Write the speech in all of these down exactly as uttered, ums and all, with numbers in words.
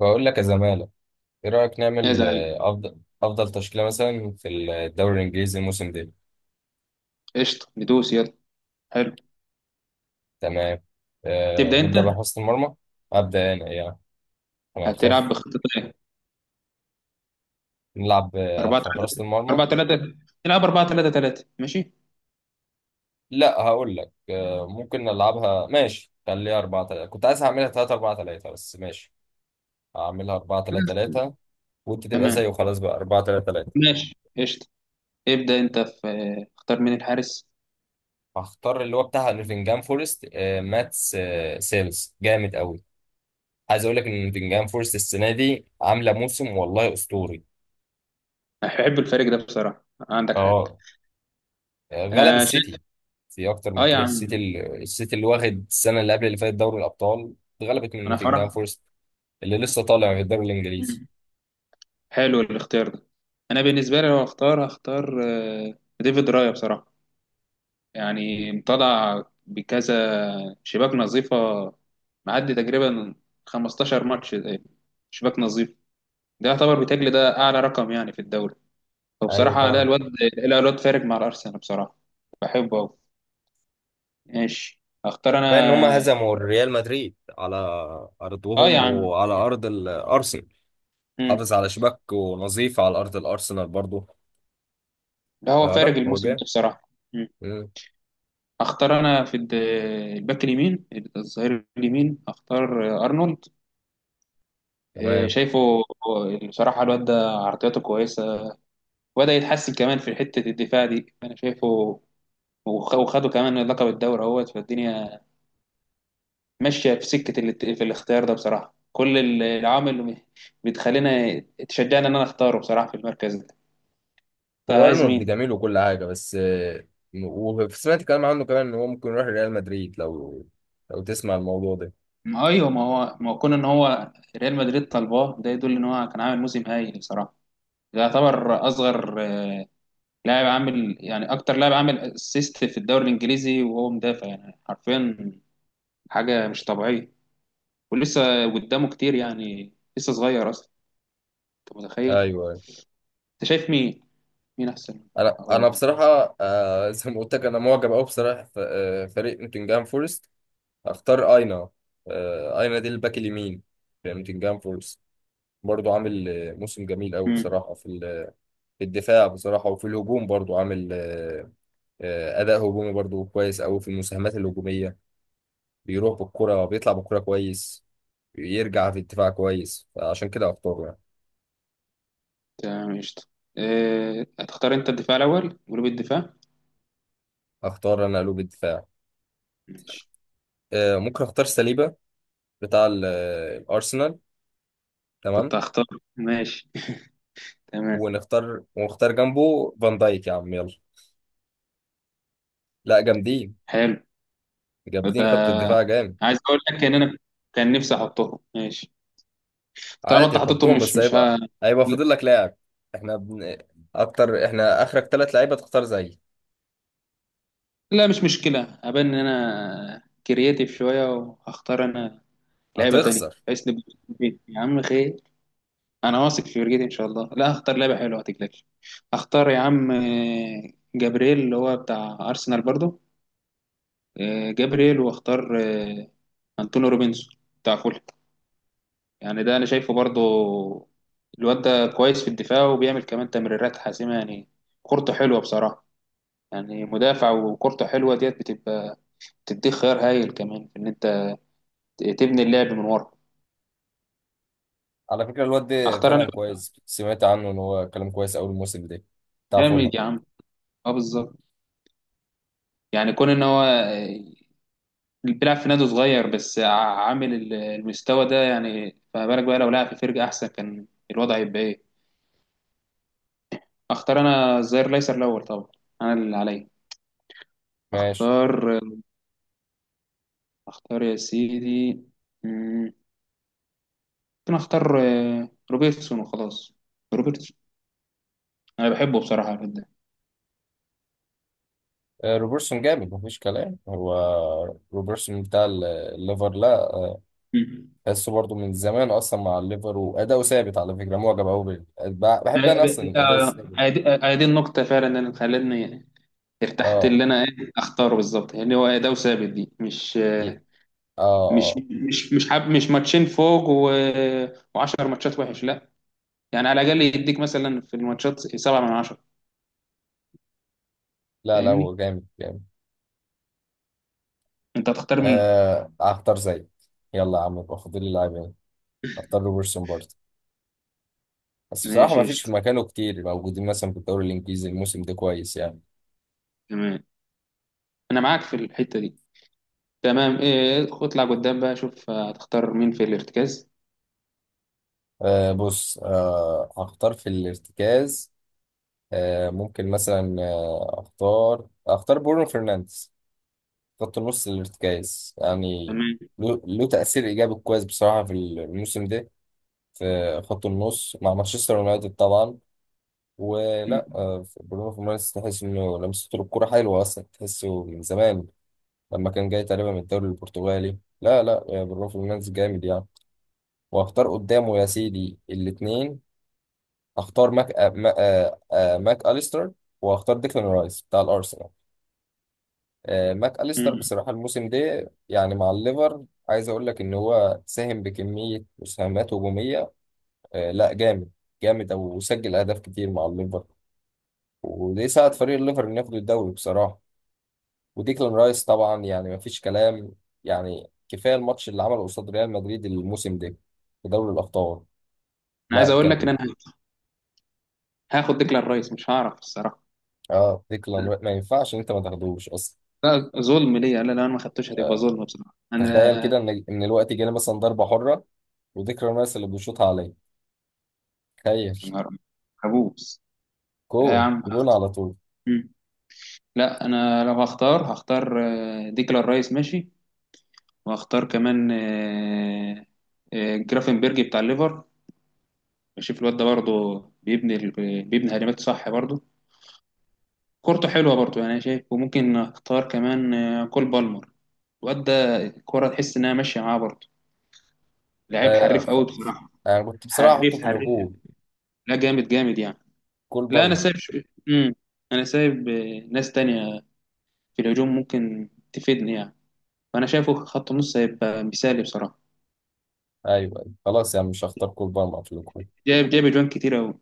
بقول لك يا زمالة، ايه رأيك يا نعمل زعيم، آه، افضل افضل تشكيلة مثلا في الدوري الانجليزي الموسم ده؟ قشطة ندوس يلا. حلو. تمام. آه تبدأ نبدأ أنت. بحراسة المرمى. ابدأ انا يعني. انا هتلعب نخاف بخطة إيه؟ نلعب آه، 4 في 3 حراسة المرمى. 4 3 تلعب أربعة ثلاثة ثلاثة ماشي. لا، هقول لك آه ممكن نلعبها ماشي. خليها أربعة تلاتة. كنت عايز اعملها تلاتة أربعة تلاتة بس ماشي، هعملها أربعة ثلاثة ثلاثة. وانت تبقى تمام، زيه وخلاص، بقى أربعة ثلاثة ثلاثة. ماشي قشطة. ابدأ أنت في، اختار مين الحارس. هختار اللي هو بتاع نوتنجهام فورست، آه ماتس آه سيلز. جامد قوي. عايز اقول لك ان نوتنجهام فورست السنه دي عامله موسم والله اسطوري. أحب الفريق ده بصراحة، عندك حق. اه، غلب آه شايف. السيتي. في اكتر من أه يا كده، عم. السيتي ال- السيتي اللي واخد السنه اللي قبل اللي فاتت دوري الابطال، اتغلبت من أنا نوتنجهام فرح. فورست اللي لسه طالع من الدوري الانجليزي. مم. حلو الاختيار ده. أنا بالنسبة لي لو هختار هختار آه، ديفيد رايا بصراحة، يعني مطلع بكذا شباك نظيفة، معدي تقريبا خمستاشر ماتش إيه، شباك نظيف. ده يعتبر بتجلي ده أعلى رقم يعني في الدوري، ايوه فبصراحة لا فعلا. الواد لا الواد فارق مع الأرسنال بصراحة، بحبه أوي. ماشي، أختار فان هم أنا. هزموا ريال مدريد على آه يا ارضهم عم. وعلى ارض الارسنال. مم. حافظ على شباك ونظيف على ارض الارسنال برضه، ده هو فلا فارق هو الموسم ده جامد. بصراحة. مم. مم. أختار أنا في الد- الباك اليمين، الظهير اليمين، أختار أرنولد. إيه، تمام. شايفه. بصراحة الواد ده عرضياته كويسة، وبدأ يتحسن كمان في حتة الدفاع دي أنا شايفه، وخ- وخدوا كمان لقب الدوري اهوت فالدنيا، ماشية في سكة ال- في الاختيار ده بصراحة. كل ال- العوامل اللي بتخلينا تشجعنا إن أنا أختاره بصراحة في المركز ده. طيب هو عايز ارنولد مين؟ جميل وكل حاجه، بس آه، وسمعت كلام عنه كمان ان هو ممكن يروح ريال مدريد، لو لو تسمع الموضوع ده. ما أيوه، ما هو ما هو كون إن هو ريال مدريد طلباه ده يدل إن هو كان عامل موسم هايل بصراحة. ده يعتبر أصغر آه، لاعب عامل، يعني أكتر لاعب عامل أسيست في الدوري الإنجليزي وهو مدافع، يعني حرفيا حاجة مش طبيعية، ولسه قدامه كتير، يعني لسه صغير اصلا. انت ايوه، متخيل؟ أيوه. انت شايف مين؟ مين احسن؟ انا انا او بصراحه، آه، زي ما قلت لك انا معجب قوي بصراحه ف- آه، فريق نوتنجهام فورست. اختار اينا. آه، اينا دي الباك اليمين في نوتنجهام فورست. برضو عامل آه، موسم جميل قوي امم بصراحه في ال- في الدفاع بصراحه، وفي الهجوم برضو عامل آه، آه، اداء هجومي برضو كويس قوي في المساهمات الهجوميه. بيروح بالكرة، بيطلع بالكرة كويس، يرجع في الدفاع كويس، فعشان كده اختاره يعني. تمام قشطة. إيه، هتختار انت الدفاع الاول، جروب الدفاع. اختار انا قلوب الدفاع. ماشي، آه، ممكن اختار سليبة بتاع ال- آه، الارسنال. تمام. كنت هختار. ماشي تمام. ونختار ونختار جنبه فان دايك يا عم يلا. لا، جامدين حلو. جامدين خط ده الدفاع جامد. عايز اقول لك ان انا كان نفسي احطهم ماشي. طالما انت عادي، حطيتهم، حطهم مش بس مش هيبقى ها هيبقى لا. فاضل لك لاعب. احنا بن... اكتر، احنا اخرك ثلاث لعيبه تختار زيي، لا، مش مشكلة، هبان ان انا كرياتيف شوية وهختار انا لعيبة تانية هتخسر. بحيث نبقى. يا عم خير، انا واثق في فرجتي ان شاء الله، لا هختار لعبه حلوه ما تقلقش. هختار يا عم آه، جابرييل، اللي هو بتاع ارسنال برضو. آه، جابرييل، واختار آه، انطونيو روبنسون بتاع فول. يعني ده انا شايفه برضو، الواد ده كويس في الدفاع وبيعمل كمان تمريرات حاسمه، يعني كورته حلوه بصراحه، يعني مدافع وكورته حلوه ديت بتبقى، بتديك خيار هايل كمان في ان انت تبني اللعب من ورا. على فكره، الواد ده اختار انا. فعلا كويس، سمعت عنه ان هو كلام كويس اول الموسم ده. بتاع فولهام. جامد يا عم. اه بالظبط، يعني كون ان هو بيلعب في نادي صغير بس ع- عامل ال- المستوى ده، يعني فما بالك بقى لو لعب في فرقة أحسن، كان الوضع هيبقى إيه. أختار أنا الظهير الأيسر الأول طبعا، أنا اللي عليا. ماشي. أختار، أختار يا سيدي. مم، ممكن أختار آه، روبرتسون وخلاص. روبرتسون، أنا بحبه بصراحة جدا. آه، روبرتسون جامد مفيش كلام. هو روبرتسون بتاع ال- الليفر. لا، مم. تحسه برضو من زمان اصلا مع الليفر، واداؤه ثابت. على فكره معجب قوي بال- ب- آه، بحب آه، انا اصلا دي الاداء آه، الثابت. آه، آه، دي النقطة فعلا اللي خلتني ارتحت، اه، اللي أنا إيه أختاره بالظبط يعني، هو ده وثابت، دي مش ي- اه، مش اه. مش مش حاب مش ماتشين فوق و... و10 ماتشات وحش لا، يعني على الاقل يديك مثلا في الماتشات سبعة من عشرة. لا لا فاهمني؟ هو جامد جامد. انت هتختار مين؟ آه اختار زي. يلا يا عم، يبقى فاضل لي لاعبين. اختار روبرتسون برضه، بس بصراحه ما ماشي فيش في قشطة. مكانه كتير موجودين مثلا في الدوري الانجليزي الموسم ده كويس يعني. تمام، انا معاك في الحتة دي. تمام، ايه، اطلع قدام بقى، شوف هتختار مين في الارتكاز. آه بص، آه هختار في الارتكاز. آه، ممكن مثلا آه، اختار اختار برونو فرنانديز. خط النص الارتكاز يعني. تمام. له له تأثير إيجابي كويس بصراحة في الموسم ده في خط النص مع مانشستر يونايتد طبعا. ولا مم. آه، برونو فرنانديز تحس إنه لمسته الكرة حلوة أصلا، تحسه من زمان لما كان جاي تقريبا من الدوري البرتغالي. لا لا، آه، برونو فرنانديز جامد يعني. واختار قدامه يا سيدي الاتنين. اختار ماك آه، ما- آه، آه، ماك أليستر واختار ديكلان رايس بتاع الأرسنال. آه، ماك أليستر مم. بصراحة الموسم ده يعني مع الليفر، عايز أقول لك إن هو ساهم بكمية مساهمات هجومية. آه، لا جامد جامد، أو وسجل أهداف كتير مع الليفر. وده ساعد فريق الليفر إنه ياخد الدوري بصراحة. وديكلان رايس طبعا يعني مفيش كلام. يعني كفاية الماتش اللي عمله قصاد ريال مدريد الموسم ده في دوري الأبطال. انا لا عايز اقول لك ان كان. انا هاخد ديكلان رايس، مش هعرف الصراحة. اه، ديكلان رايس ما ينفعش إن أنت ما تاخدوش أصلا. لا ظلم ليا، لا لو انا ما خدتوش هتبقى آه، ظلم بصراحة تخيل انا. كده إن إن الوقت جالي مثلا ضربة حرة، وديكلان رايس اللي بيشوطها عليه. يا تخيل. نهار أبيض، كابوس. لا يا جون عم، جون على طول. لا انا لو هختار هختار آه، ديكلان رايس ماشي. وهختار كمان آه، آه، جرافنبرج بتاع الليفر. بشوف الواد ده برضه، بيبني ال- بيبني هجمات صح برضه، كورته حلوه برضه يعني انا شايف. وممكن اختار كمان آه، كول بالمر، الواد ده الكوره تحس انها ماشيه معاه برضه، لعيب آه حريف خ... قوي بصراحه. انا كنت بصراحه احطه حريف في حريف، الهجوم. لا جامد جامد يعني. كول لا انا بالمر. سايب شو... مم. انا سايب آه، ناس تانية في الهجوم ممكن تفيدني يعني، فانا شايفه خط النص هيبقى مثالي بصراحه. ايوه أيوة. خلاص يا عم، مش هختار كول بالمر في الهجوم. جايب جايب اجوان كتير أوي.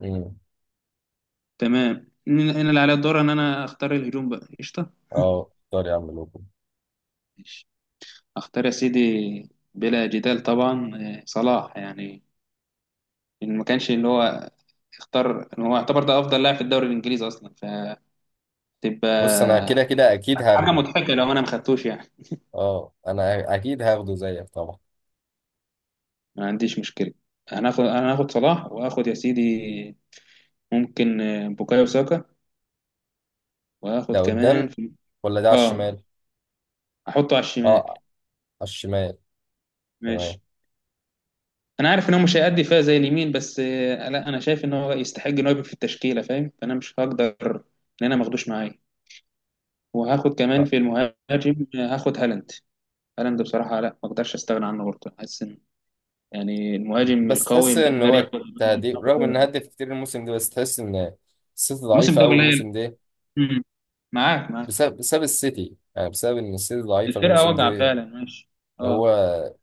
امم تمام، هنا هنا اللي عليا الدور إن أنا أختار الهجوم بقى، قشطة. اه، اختار يا عم الهجوم. ماشي. أختار يا سيدي، بلا جدال طبعا آه، صلاح يعني، إن ما كانش اللي هو اختار، إن هو يعتبر ده أفضل لاعب في الدوري الإنجليزي أصلا، بص، انا كده فتبقى كده اكيد حاجة هاخده. مضحكة لو أنا ما خدتوش يعني. اه، انا اكيد هاخده زيك طبعا. ما عنديش مشكلة. هناخد، أنا هاخد صلاح، وآخد يا سيدي ممكن آه، بوكايو ساكا، ده وآخد كمان قدام في... ولا ده على آه الشمال؟ أحطه على الشمال. اه، على الشمال. تمام. ماشي. انا عارف ان هو مش هيأدي فيها زي اليمين، بس آه، لا انا شايف ان هو يستحق ان هو يبقى في التشكيله، فاهم، فانا مش هقدر ان انا ماخدوش معايا. وهاخد كمان في المهاجم آه، هاخد هالاند. هالاند بصراحه لا ما اقدرش استغنى عنه برضه، حاسس ان يعني المهاجم بس القوي تحس اللي ان يقدر هو ياخد. تهديف رغم ان هدف كتير الموسم ده، بس تحس ان السيتي الموسم ضعيفه ده اول قليل. الموسم ده. مم. معاك معاك. بسبب بسبب السيتي، يعني بسبب ان السيتي ضعيفه الفرقه الموسم واجعه ده. فعلا ماشي. هو اه.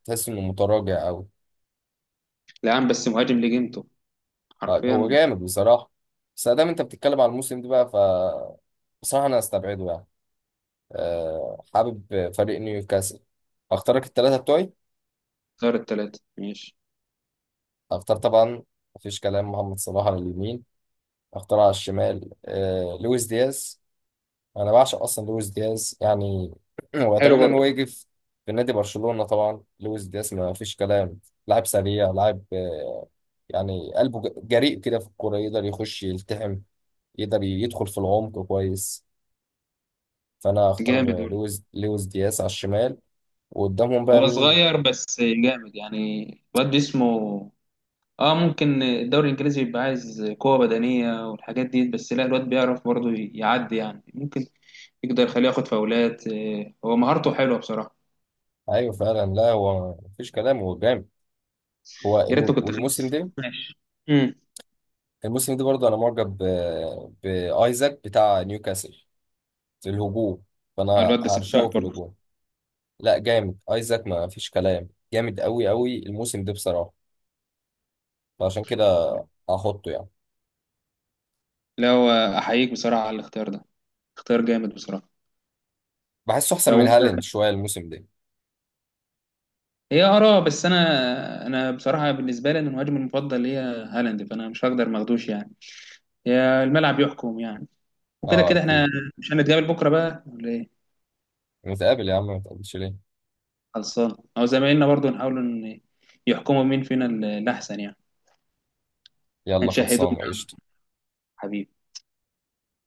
تحس انه متراجع قوي. لا يا عم، بس مهاجم لجيمته آه، هو حرفيا. جامد بصراحة، بس ادام انت بتتكلم على الموسم ده بقى ف، بصراحة انا هستبعده يعني. أه، حابب فريق نيوكاسل. اختارك الثلاثة بتوعي. صار الثلاثه ماشي. اختار طبعا. مفيش كلام محمد صلاح على اليمين. اختار على الشمال أه لويس دياز. انا بعشق اصلا لويس دياز يعني حلو واتمنى ان هو برضه. يجي في في نادي برشلونة طبعا. لويس دياز ما فيش كلام. لاعب سريع، لاعب آه، يعني قلبه ج- جريء كده في الكورة. يقدر يخش يلتحم. يقدر يدخل في العمق كويس، فانا هختار جامد. لويس لويس دياس على الشمال. وقدامهم بقى هو مين؟ صغير بس جامد يعني، الواد اسمه. اه ممكن الدوري الانجليزي بيبقى عايز قوه بدنيه والحاجات دي، بس لا الواد بيعرف برضه يعدي يعني، ممكن يقدر يخليه ياخد فاولات. آه، هو مهارته حلوه بصراحه. ايوه فعلا. لا هو مفيش كلام هو جامد. هو يا الم- ريتني كنت خدت والموسم ده، ماشي. امم الموسم ده برضه انا معجب ب- بايزاك بتاع نيوكاسل في الهجوم، فانا الواد ده سفاح هرشقه في برضه. الهجوم. لا جامد ايزاك ما فيش كلام. جامد قوي قوي الموسم ده بصراحه، فعشان كده هحطه يعني. لا هو، احييك بصراحه على الاختيار ده، اختيار جامد بصراحه. بحسه احسن من لو، هالاند شويه الموسم ده. هي اراء بس، انا انا بصراحه بالنسبه لي أنا المهاجم المفضل هي هالاند، فانا مش هقدر ما اخدوش يعني، هي الملعب يحكم يعني، وكده اه كده احنا اكيد. مش هنتقابل بكره بقى ولا ايه. نتقابل يا عم، ما تقابلش ليه؟ خلصان، او زمايلنا برضو نحاول ان يحكموا مين فينا ال- الاحسن يعني. يلا هنشاهدهم خلصانه قشطه. حبيبي.